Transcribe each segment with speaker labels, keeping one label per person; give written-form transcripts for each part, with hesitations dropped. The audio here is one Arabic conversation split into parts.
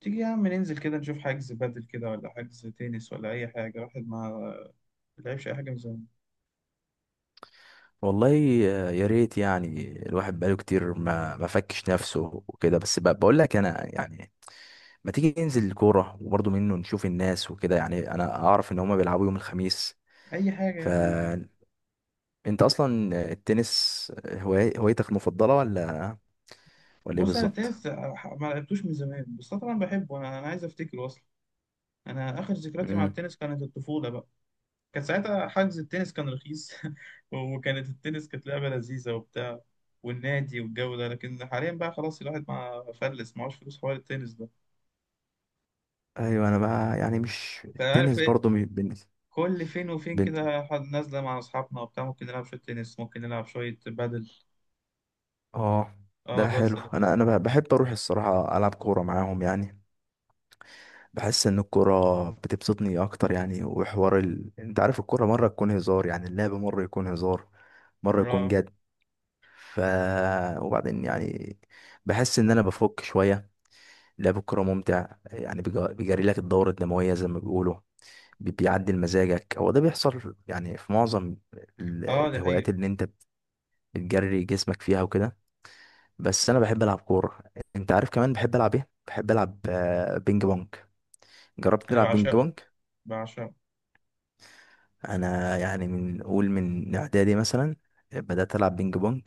Speaker 1: تيجي يا عم ننزل كده نشوف حجز بدل كده، ولا حجز تنس، ولا أي حاجة؟ واحد ما لعبش أي حاجة من زمان.
Speaker 2: والله يا ريت يعني الواحد بقاله كتير ما فكش نفسه وكده، بس بقول لك، انا يعني ما تيجي ننزل الكوره وبرضه منه نشوف الناس وكده. يعني انا اعرف ان هما بيلعبوا يوم الخميس.
Speaker 1: أي حاجة يا عم، أنا معاك.
Speaker 2: فانت اصلا التنس هوايتك المفضله ولا ايه
Speaker 1: بص، أنا
Speaker 2: بالظبط؟
Speaker 1: التنس ما لعبتوش من زمان، بس أنا طبعا بحبه. أنا عايز أفتكره أصلا. أنا آخر ذكرياتي مع
Speaker 2: امم.
Speaker 1: التنس كانت الطفولة بقى. كان ساعتها حجز التنس كان رخيص. وكانت التنس كانت لعبة لذيذة وبتاع، والنادي والجو ده. لكن حاليا بقى خلاص، الواحد ما فلس، معهوش فلوس حوار التنس ده.
Speaker 2: ايوه انا بقى يعني مش
Speaker 1: انت عارف
Speaker 2: التنس
Speaker 1: إيه؟
Speaker 2: برضه
Speaker 1: كل فين وفين
Speaker 2: بن...
Speaker 1: كده حد نازلة مع أصحابنا وبتاع، ممكن نلعب شوية تنس، ممكن نلعب شوية بادل.
Speaker 2: اه.
Speaker 1: اه،
Speaker 2: ده
Speaker 1: بس
Speaker 2: حلو.
Speaker 1: لكن.
Speaker 2: انا بحب اروح الصراحه العب كوره معاهم يعني، بحس ان الكرة بتبسطني اكتر يعني. وحوار انت عارف الكرة مرة تكون هزار، يعني اللعب مرة يكون هزار مرة يكون
Speaker 1: اه،
Speaker 2: جد. ف وبعدين يعني بحس ان انا بفك شوية. لعب الكرة ممتع، يعني بيجري لك الدورة الدموية زي ما بيقولوا، بيعدل مزاجك. هو ده بيحصل يعني في معظم ال-
Speaker 1: اه، دي
Speaker 2: الهوايات
Speaker 1: حقيقة.
Speaker 2: اللي انت بتجري جسمك فيها وكده. بس انا بحب العب كورة. انت عارف كمان بحب العب ايه؟ بحب العب بينج بونج. جربت
Speaker 1: أنا
Speaker 2: تلعب بينج
Speaker 1: بعشقه،
Speaker 2: بونج؟
Speaker 1: بعشقه.
Speaker 2: انا يعني من قول من اعدادي مثلا بدات العب بينج بونج.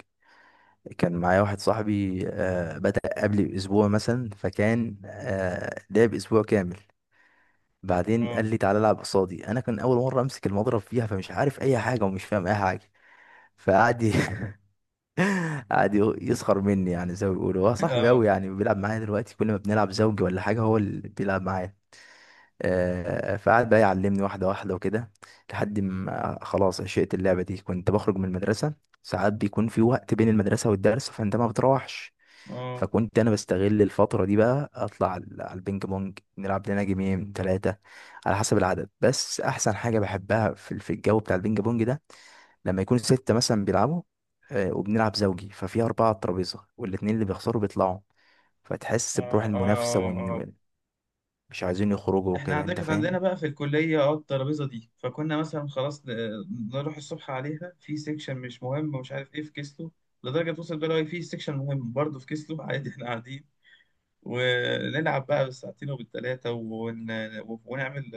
Speaker 2: كان معايا واحد صاحبي، بدأ قبلي باسبوع مثلا، فكان لعب اسبوع كامل. بعدين
Speaker 1: اه.
Speaker 2: قال لي تعالى العب قصادي. انا كان اول مره امسك المضرب فيها، فمش عارف اي حاجه ومش فاهم اي حاجه. فقعد قعد يسخر مني، يعني زي ما بيقولوا. هو صاحبي
Speaker 1: اه،
Speaker 2: قوي يعني، بيلعب معايا دلوقتي كل ما بنلعب زوجي ولا حاجه هو اللي بيلعب معايا. فقعد بقى يعلمني واحدة واحدة وكده، لحد ما خلاص عشقت اللعبة دي. كنت بخرج من المدرسة، ساعات بيكون في وقت بين المدرسة والدرس فأنت ما بتروحش،
Speaker 1: اه،
Speaker 2: فكنت أنا بستغل الفترة دي بقى أطلع على البينج بونج نلعب لنا جيمين تلاتة على حسب العدد. بس أحسن حاجة بحبها في الجو بتاع البينج بونج ده لما يكون ستة مثلا بيلعبوا، وبنلعب زوجي ففي أربعة على الترابيزة والاتنين اللي بيخسروا بيطلعوا،
Speaker 1: اه،
Speaker 2: فتحس بروح المنافسة
Speaker 1: اه، اه.
Speaker 2: وإن مش عايزين يخرجوا
Speaker 1: احنا
Speaker 2: وكده.
Speaker 1: عندنا،
Speaker 2: أنت
Speaker 1: كانت عندنا
Speaker 2: فاهم؟
Speaker 1: بقى في الكلية، الترابيزة دي. فكنا مثلا خلاص نروح الصبح عليها في سيكشن مش مهم ومش عارف ايه، في كيسلو. لدرجة توصل بقى، لو في سيكشن مهم برضه في كيسلو عادي احنا قاعدين، ونلعب بقى بالساعتين وبالتلاتة ونعمل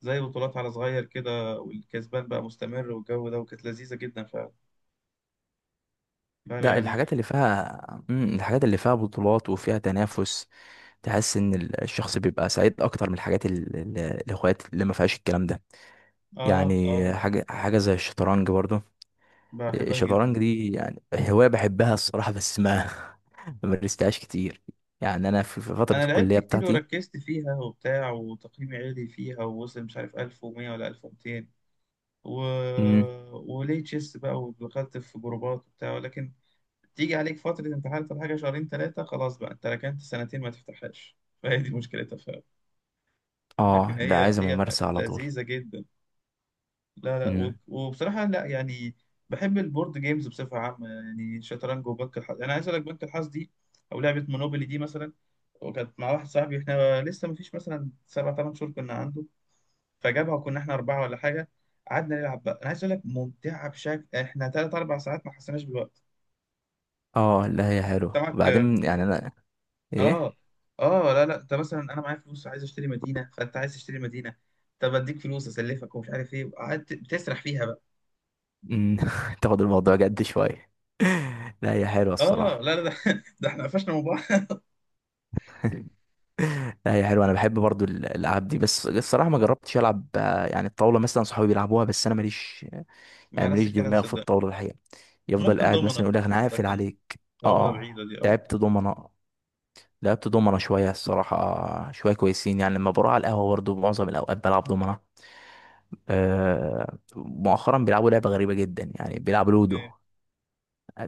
Speaker 1: زي بطولات على صغير كده، والكسبان بقى مستمر والجو ده، وكانت لذيذة جدا فعلا. فأنا
Speaker 2: ده
Speaker 1: يعني.
Speaker 2: الحاجات اللي فيها، الحاجات اللي فيها بطولات وفيها تنافس تحس ان الشخص بيبقى سعيد اكتر من الحاجات الاخوات اللي ما فيهاش الكلام ده،
Speaker 1: آه،
Speaker 2: يعني.
Speaker 1: آه،
Speaker 2: حاجه زي الشطرنج برضو.
Speaker 1: بحبها جدا.
Speaker 2: الشطرنج دي يعني هوايه بحبها الصراحه، بس ما ما مارستهاش كتير يعني. انا في فتره
Speaker 1: أنا لعبت
Speaker 2: الكليه
Speaker 1: كتير
Speaker 2: بتاعتي.
Speaker 1: وركزت فيها وبتاع وتقييمي عالي فيها، ووصل مش عارف 1100 ولا 1200 و...
Speaker 2: امم.
Speaker 1: وليه تشيس بقى، ودخلت في جروبات وبتاع. ولكن تيجي عليك فترة امتحانات ولا حاجة، شهرين ثلاثة، خلاص بقى أنت ركنت سنتين ما تفتحهاش. فهي دي مشكلتها فعلا. لكن
Speaker 2: اه لا،
Speaker 1: هي
Speaker 2: عايز
Speaker 1: هي
Speaker 2: ممارسه على طول.
Speaker 1: لذيذة جدا. لا، لا، و-
Speaker 2: امم.
Speaker 1: وبصراحة لا يعني. بحب البورد جيمز بصفة عامة، يعني شطرنج وبنك الحظ. أنا عايز أقول لك، بنك الحظ دي أو لعبة مونوبولي دي مثلا، وكانت مع واحد صاحبي، إحنا لسه مفيش مثلا 7 أو 8 شهور كنا عنده، فجابها وكنا إحنا أربعة ولا حاجة. قعدنا نلعب بقى، أنا عايز أقول لك ممتعة بشكل، إحنا 3 أو 4 ساعات ما حسيناش بالوقت.
Speaker 2: اه لا هي
Speaker 1: أنت
Speaker 2: حلوه،
Speaker 1: معاك.
Speaker 2: وبعدين يعني انا، ايه؟
Speaker 1: آه، آه، لا، لا، أنت مثلا أنا معايا فلوس عايز أشتري مدينة، فأنت عايز تشتري مدينة، طب أديك فلوس أسلفك ومش عارف إيه، وقعدت بتسرح فيها بقى.
Speaker 2: امم. تاخد الموضوع جد شويه. لا هي حلوه
Speaker 1: آه،
Speaker 2: الصراحه.
Speaker 1: لا لا ده، ده إحنا قفشنا.
Speaker 2: لا هي حلوه. انا بحب برضو الالعاب دي، بس الصراحه ما جربتش العب، يعني الطاوله مثلا صحابي بيلعبوها بس انا ماليش،
Speaker 1: مع
Speaker 2: يعني
Speaker 1: نفس
Speaker 2: ماليش
Speaker 1: الكلام
Speaker 2: دماغ في
Speaker 1: صدق.
Speaker 2: الطاوله الحقيقه. يفضل
Speaker 1: ممكن
Speaker 2: قاعد مثلا
Speaker 1: دومنا،
Speaker 2: يقول لك انا هقفل
Speaker 1: لكن
Speaker 2: عليك. اه.
Speaker 1: طاولة بعيدة دي أو
Speaker 2: لعبت دومنه. شويه الصراحه، شويه كويسين يعني. لما بروح على القهوه برضو معظم الاوقات بلعب دومنه. آه، مؤخرا بيلعبوا لعبه غريبه جدا، يعني بيلعبوا لودو.
Speaker 1: إيه.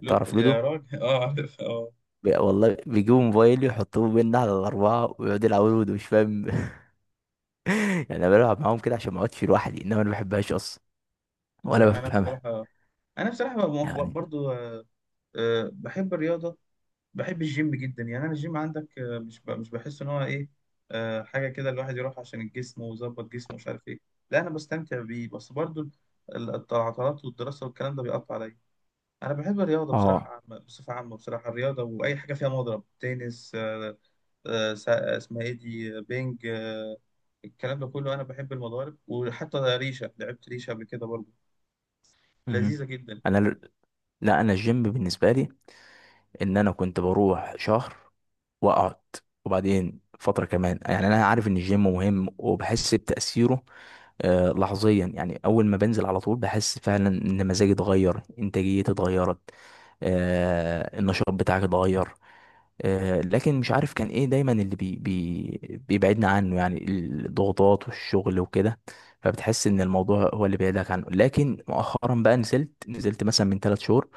Speaker 1: لو
Speaker 2: تعرف
Speaker 1: يا
Speaker 2: لودو؟
Speaker 1: راجل، أه، عارف أه.
Speaker 2: والله بيجيبوا موبايل يحطوه بينا على الأربعة ويقعدوا يلعبوا لودو مش فاهم. يعني انا بلعب معاهم كده عشان ما اقعدش في لوحدي، انما انا ما بحبهاش اصلا ولا
Speaker 1: لا، أنا
Speaker 2: بفهمها
Speaker 1: بصراحة أنا بصراحة
Speaker 2: يعني.
Speaker 1: برضو، بحب الرياضة. بحب الجيم جدا، يعني أنا الجيم عندك، مش بحس إن هو إيه. حاجة كده الواحد يروح عشان الجسم ويظبط جسمه، مش عارف إيه. لا أنا بستمتع بيه، بس برضو العطلات والدراسة والكلام ده بيقطع عليا. أنا بحب الرياضة بصراحة
Speaker 2: اه.
Speaker 1: عامة، بصفة عامة بصراحة، الرياضة وأي حاجة فيها مضرب تنس. اسمها ايه دي، بينج، الكلام ده كله. انا بحب المضارب، وحتى ريشه لعبت ريشه قبل كده برضه.
Speaker 2: مهم.
Speaker 1: لذيذه جدا.
Speaker 2: انا لا، انا الجيم بالنسبه لي ان انا كنت بروح شهر واقعد، وبعدين فتره كمان. يعني انا عارف ان الجيم مهم وبحس بتاثيره لحظيا، يعني اول ما بنزل على طول بحس فعلا ان مزاجي اتغير، انتاجيتي اتغيرت، النشاط بتاعك اتغير. لكن مش عارف كان ايه دايما اللي بي بي بيبعدنا عنه، يعني الضغوطات والشغل وكده. فبتحس ان الموضوع هو اللي بعيدك عنه. لكن مؤخرا بقى نزلت مثلا من 3 شهور،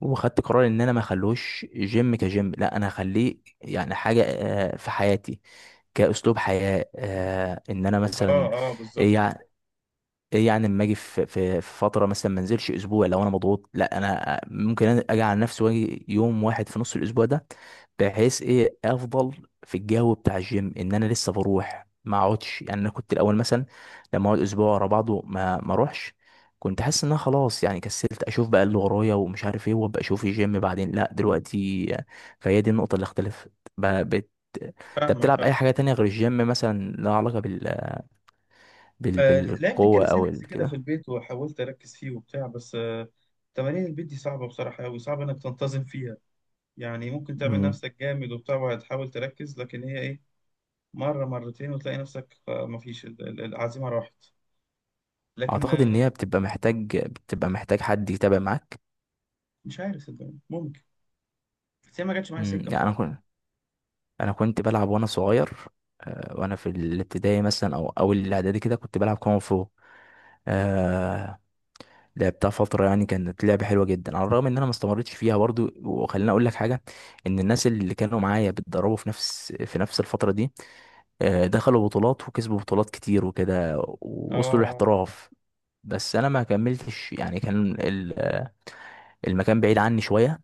Speaker 2: وخدت قرار ان انا ما اخلوش جيم كجيم، لا انا اخليه يعني حاجة في حياتي، كأسلوب حياة. ان انا
Speaker 1: اه،
Speaker 2: مثلا،
Speaker 1: اه، بالظبط.
Speaker 2: يعني ايه؟ يعني لما اجي في فتره مثلا ما انزلش اسبوع لو انا مضغوط، لا انا ممكن اجي على نفسي واجي يوم واحد في نص الاسبوع ده، بحيث ايه افضل في الجو بتاع الجيم ان انا لسه بروح ما اقعدش. يعني انا كنت الاول مثلا لما اقعد اسبوع ورا بعضه ما اروحش، كنت حاسس ان انا خلاص يعني كسلت، اشوف بقى اللي ورايا ومش عارف ايه، وابقى اشوف الجيم بعدين. لا دلوقتي، فهي دي النقطه اللي اختلفت. ب- بت... انت
Speaker 1: فاهمك،
Speaker 2: بتلعب اي
Speaker 1: فاهم.
Speaker 2: حاجه تانية غير الجيم مثلا لها علاقه
Speaker 1: لعبت
Speaker 2: بالقوه او
Speaker 1: الكاليسينكس كده في
Speaker 2: كده؟
Speaker 1: البيت وحاولت اركز فيه وبتاع، بس. تمارين البيت دي صعبه بصراحه قوي، صعب انك تنتظم فيها. يعني ممكن تعمل
Speaker 2: مم.
Speaker 1: نفسك جامد وبتاع وهتحاول تركز، لكن هي ايه، مره مرتين وتلاقي نفسك، مفيش العزيمه راحت. لكن.
Speaker 2: اعتقد ان هي بتبقى محتاج، حد يتابع معاك.
Speaker 1: مش عارف، صدقني ممكن، بس هي ما جاتش معايا سكه
Speaker 2: يعني انا
Speaker 1: بصراحه.
Speaker 2: كنت، بلعب وانا صغير، وانا في الابتدائي مثلا او اول الاعدادي كده كنت بلعب كونغ فو. آه لعبتها فتره، يعني كانت لعبه حلوه جدا، على الرغم ان انا ما استمرتش فيها برضو. وخليني اقول لك حاجه: ان الناس اللي كانوا معايا بيتدربوا في نفس الفتره دي، دخلوا بطولات وكسبوا بطولات كتير وكده
Speaker 1: اه،
Speaker 2: ووصلوا
Speaker 1: اه،
Speaker 2: للاحتراف. بس انا ما كملتش يعني. كان المكان بعيد عني شويه،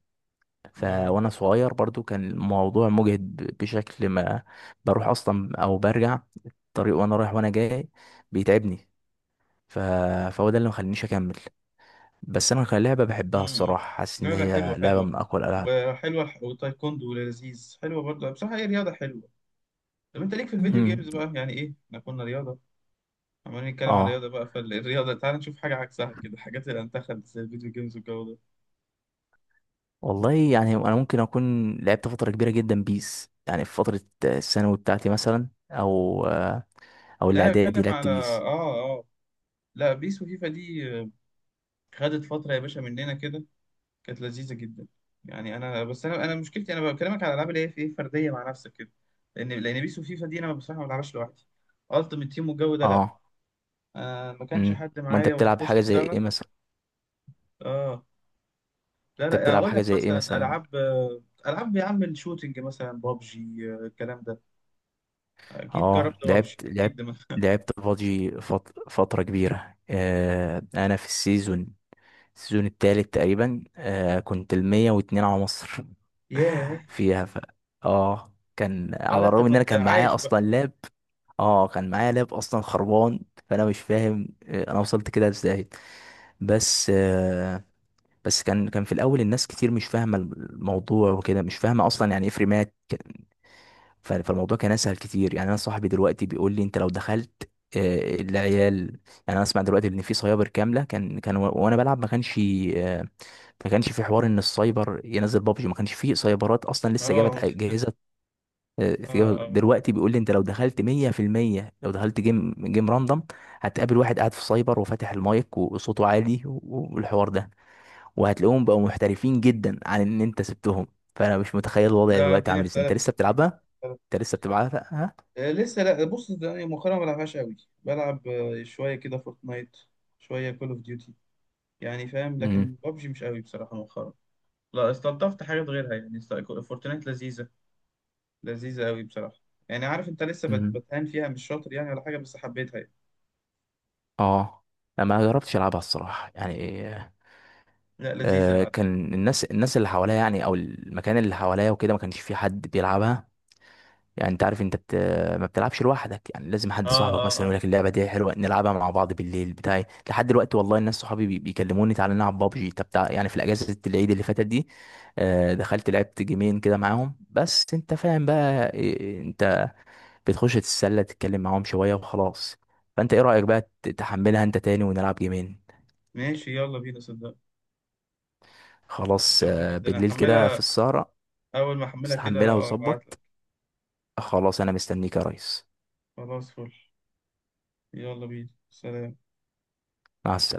Speaker 1: آه.
Speaker 2: وانا صغير برضو كان الموضوع مجهد بشكل ما. بروح اصلا او برجع، الطريق وانا رايح وانا جاي بيتعبني. ف... فهو ده اللي مخلينيش اكمل. بس انا كان لعبه بحبها
Speaker 1: امم.
Speaker 2: الصراحه، حاسس
Speaker 1: لا،
Speaker 2: ان
Speaker 1: لا،
Speaker 2: هي
Speaker 1: حلوة
Speaker 2: لعبه
Speaker 1: حلوة،
Speaker 2: من اقوى الالعاب.
Speaker 1: وحلوة والتايكوندو لذيذ، حلوة برضه، بصراحة هي رياضة حلوة. طب انت ليك في الفيديو
Speaker 2: مم.
Speaker 1: جيمز بقى، يعني ايه احنا كنا رياضة عمالين نتكلم عن
Speaker 2: اه.
Speaker 1: رياضة بقى، فالرياضة تعال نشوف حاجة عكسها كده، حاجات اللي انتخبت زي الفيديو جيمز والجو ده.
Speaker 2: والله يعني انا ممكن اكون لعبت فتره كبيره جدا بيس، يعني في فتره الثانوي بتاعتي مثلا او
Speaker 1: لا انا
Speaker 2: الاعدادي
Speaker 1: بتكلم
Speaker 2: لعبت
Speaker 1: على،
Speaker 2: بيس.
Speaker 1: اه لا، بيس وفيفا دي، خدت فترة يا باشا مننا كده، كانت لذيذة جدا. يعني انا بس، انا مشكلتي، انا بكلمك على الالعاب اللي هي في ايه، فردية مع نفسك كده. لان بيس وفيفا دي انا بصراحة ما بلعبهاش لوحدي، التيمت تيم والجو ده لا،
Speaker 2: اه.
Speaker 1: آه ما كانش حد
Speaker 2: ما انت
Speaker 1: معايا
Speaker 2: بتلعب حاجه
Speaker 1: ونخش
Speaker 2: زي
Speaker 1: سوا.
Speaker 2: ايه مثلا؟
Speaker 1: اه، لا
Speaker 2: انت
Speaker 1: لا،
Speaker 2: بتلعب
Speaker 1: اقول
Speaker 2: حاجه
Speaker 1: لك
Speaker 2: زي ايه
Speaker 1: مثلا
Speaker 2: مثلا؟
Speaker 1: العاب، العاب يا عم الشوتينج، مثلا بابجي، الكلام ده. اكيد
Speaker 2: اه.
Speaker 1: جربت بابجي اكيد.
Speaker 2: لعبت بابجي فترة كبيرة. انا في السيزون، السيزون التالت تقريبا. آه، كنت الـ 102 على مصر
Speaker 1: ياه.
Speaker 2: فيها. اه. كان
Speaker 1: اه، ده
Speaker 2: على
Speaker 1: انت
Speaker 2: الرغم ان انا
Speaker 1: كنت
Speaker 2: كان معايا
Speaker 1: عايش بقى.
Speaker 2: اصلا لاب. اه، كان معايا لاب اصلا خربان، فانا مش فاهم، انا وصلت كده ازاي. بس آه بس كان في الاول الناس كتير مش فاهمه الموضوع وكده، مش فاهمه اصلا يعني ايه فريمات. فالموضوع كان اسهل كتير. يعني انا صاحبي دلوقتي بيقول لي انت لو دخلت، العيال يعني. انا اسمع دلوقتي ان في سايبر كامله كان كان وانا بلعب ما كانش. آه، ما كانش في حوار ان السايبر ينزل بابجي، ما كانش في سايبرات اصلا لسه
Speaker 1: اه،
Speaker 2: جابت
Speaker 1: اه،
Speaker 2: اجهزه.
Speaker 1: آه، آه.
Speaker 2: دلوقتي بيقول لي انت لو دخلت 100%، لو دخلت جيم راندوم هتقابل واحد قاعد في سايبر وفاتح المايك وصوته عالي، والحوار ده، وهتلاقيهم بقوا محترفين جدا عن ان انت سبتهم. فانا مش متخيل الوضع
Speaker 1: لا
Speaker 2: دلوقتي
Speaker 1: الدنيا
Speaker 2: عامل ازاي. انت
Speaker 1: اختلفت
Speaker 2: لسه
Speaker 1: اكيد،
Speaker 2: بتلعبها؟
Speaker 1: اختلفت.
Speaker 2: انت لسه بتلعبها؟
Speaker 1: آه لسه. لا بص، يعني مؤخرا ما بلعبهاش قوي، بلعب شويه كده فورتنايت، شويه كول اوف ديوتي، يعني فاهم.
Speaker 2: امم.
Speaker 1: لكن بابجي مش قوي بصراحه مؤخرا. لا استلطفت حاجات غيرها، يعني فورتنايت لذيذه، لذيذة أوي بصراحة. يعني عارف أنت لسه
Speaker 2: امم.
Speaker 1: بتهان فيها، مش شاطر يعني ولا حاجة، بس حبيتها يعني.
Speaker 2: اه لا، ما جربتش العبها الصراحه يعني.
Speaker 1: لا لذيذة على فكرة.
Speaker 2: كان الناس اللي حواليا يعني، او المكان اللي حواليا وكده ما كانش في حد بيلعبها. يعني انت عارف انت ما بتلعبش لوحدك، يعني لازم حد
Speaker 1: آه،
Speaker 2: صاحبك
Speaker 1: آه،
Speaker 2: مثلا
Speaker 1: آه.
Speaker 2: يقول لك اللعبه دي حلوه نلعبها مع بعض. بالليل بتاعي لحد دلوقتي والله الناس صحابي بيكلموني تعالى نلعب بابجي. طب يعني في الاجازه العيد اللي فاتت دي دخلت لعبت جيمين كده معاهم، بس انت فاهم بقى انت بتخش تتسلى تتكلم معاهم شوية وخلاص. فانت ايه رأيك بقى تحملها انت تاني ونلعب جيمين؟
Speaker 1: ماشي يلا بينا صدق.
Speaker 2: خلاص
Speaker 1: يلا جدا،
Speaker 2: بالليل كده في
Speaker 1: هحملها
Speaker 2: السهرة.
Speaker 1: أول ما أحملها
Speaker 2: بس
Speaker 1: كده
Speaker 2: حملها
Speaker 1: أبعتلك.
Speaker 2: وظبط. خلاص انا مستنيك يا ريس.
Speaker 1: خلاص فل. يلا بينا سلام.
Speaker 2: مع السلامة.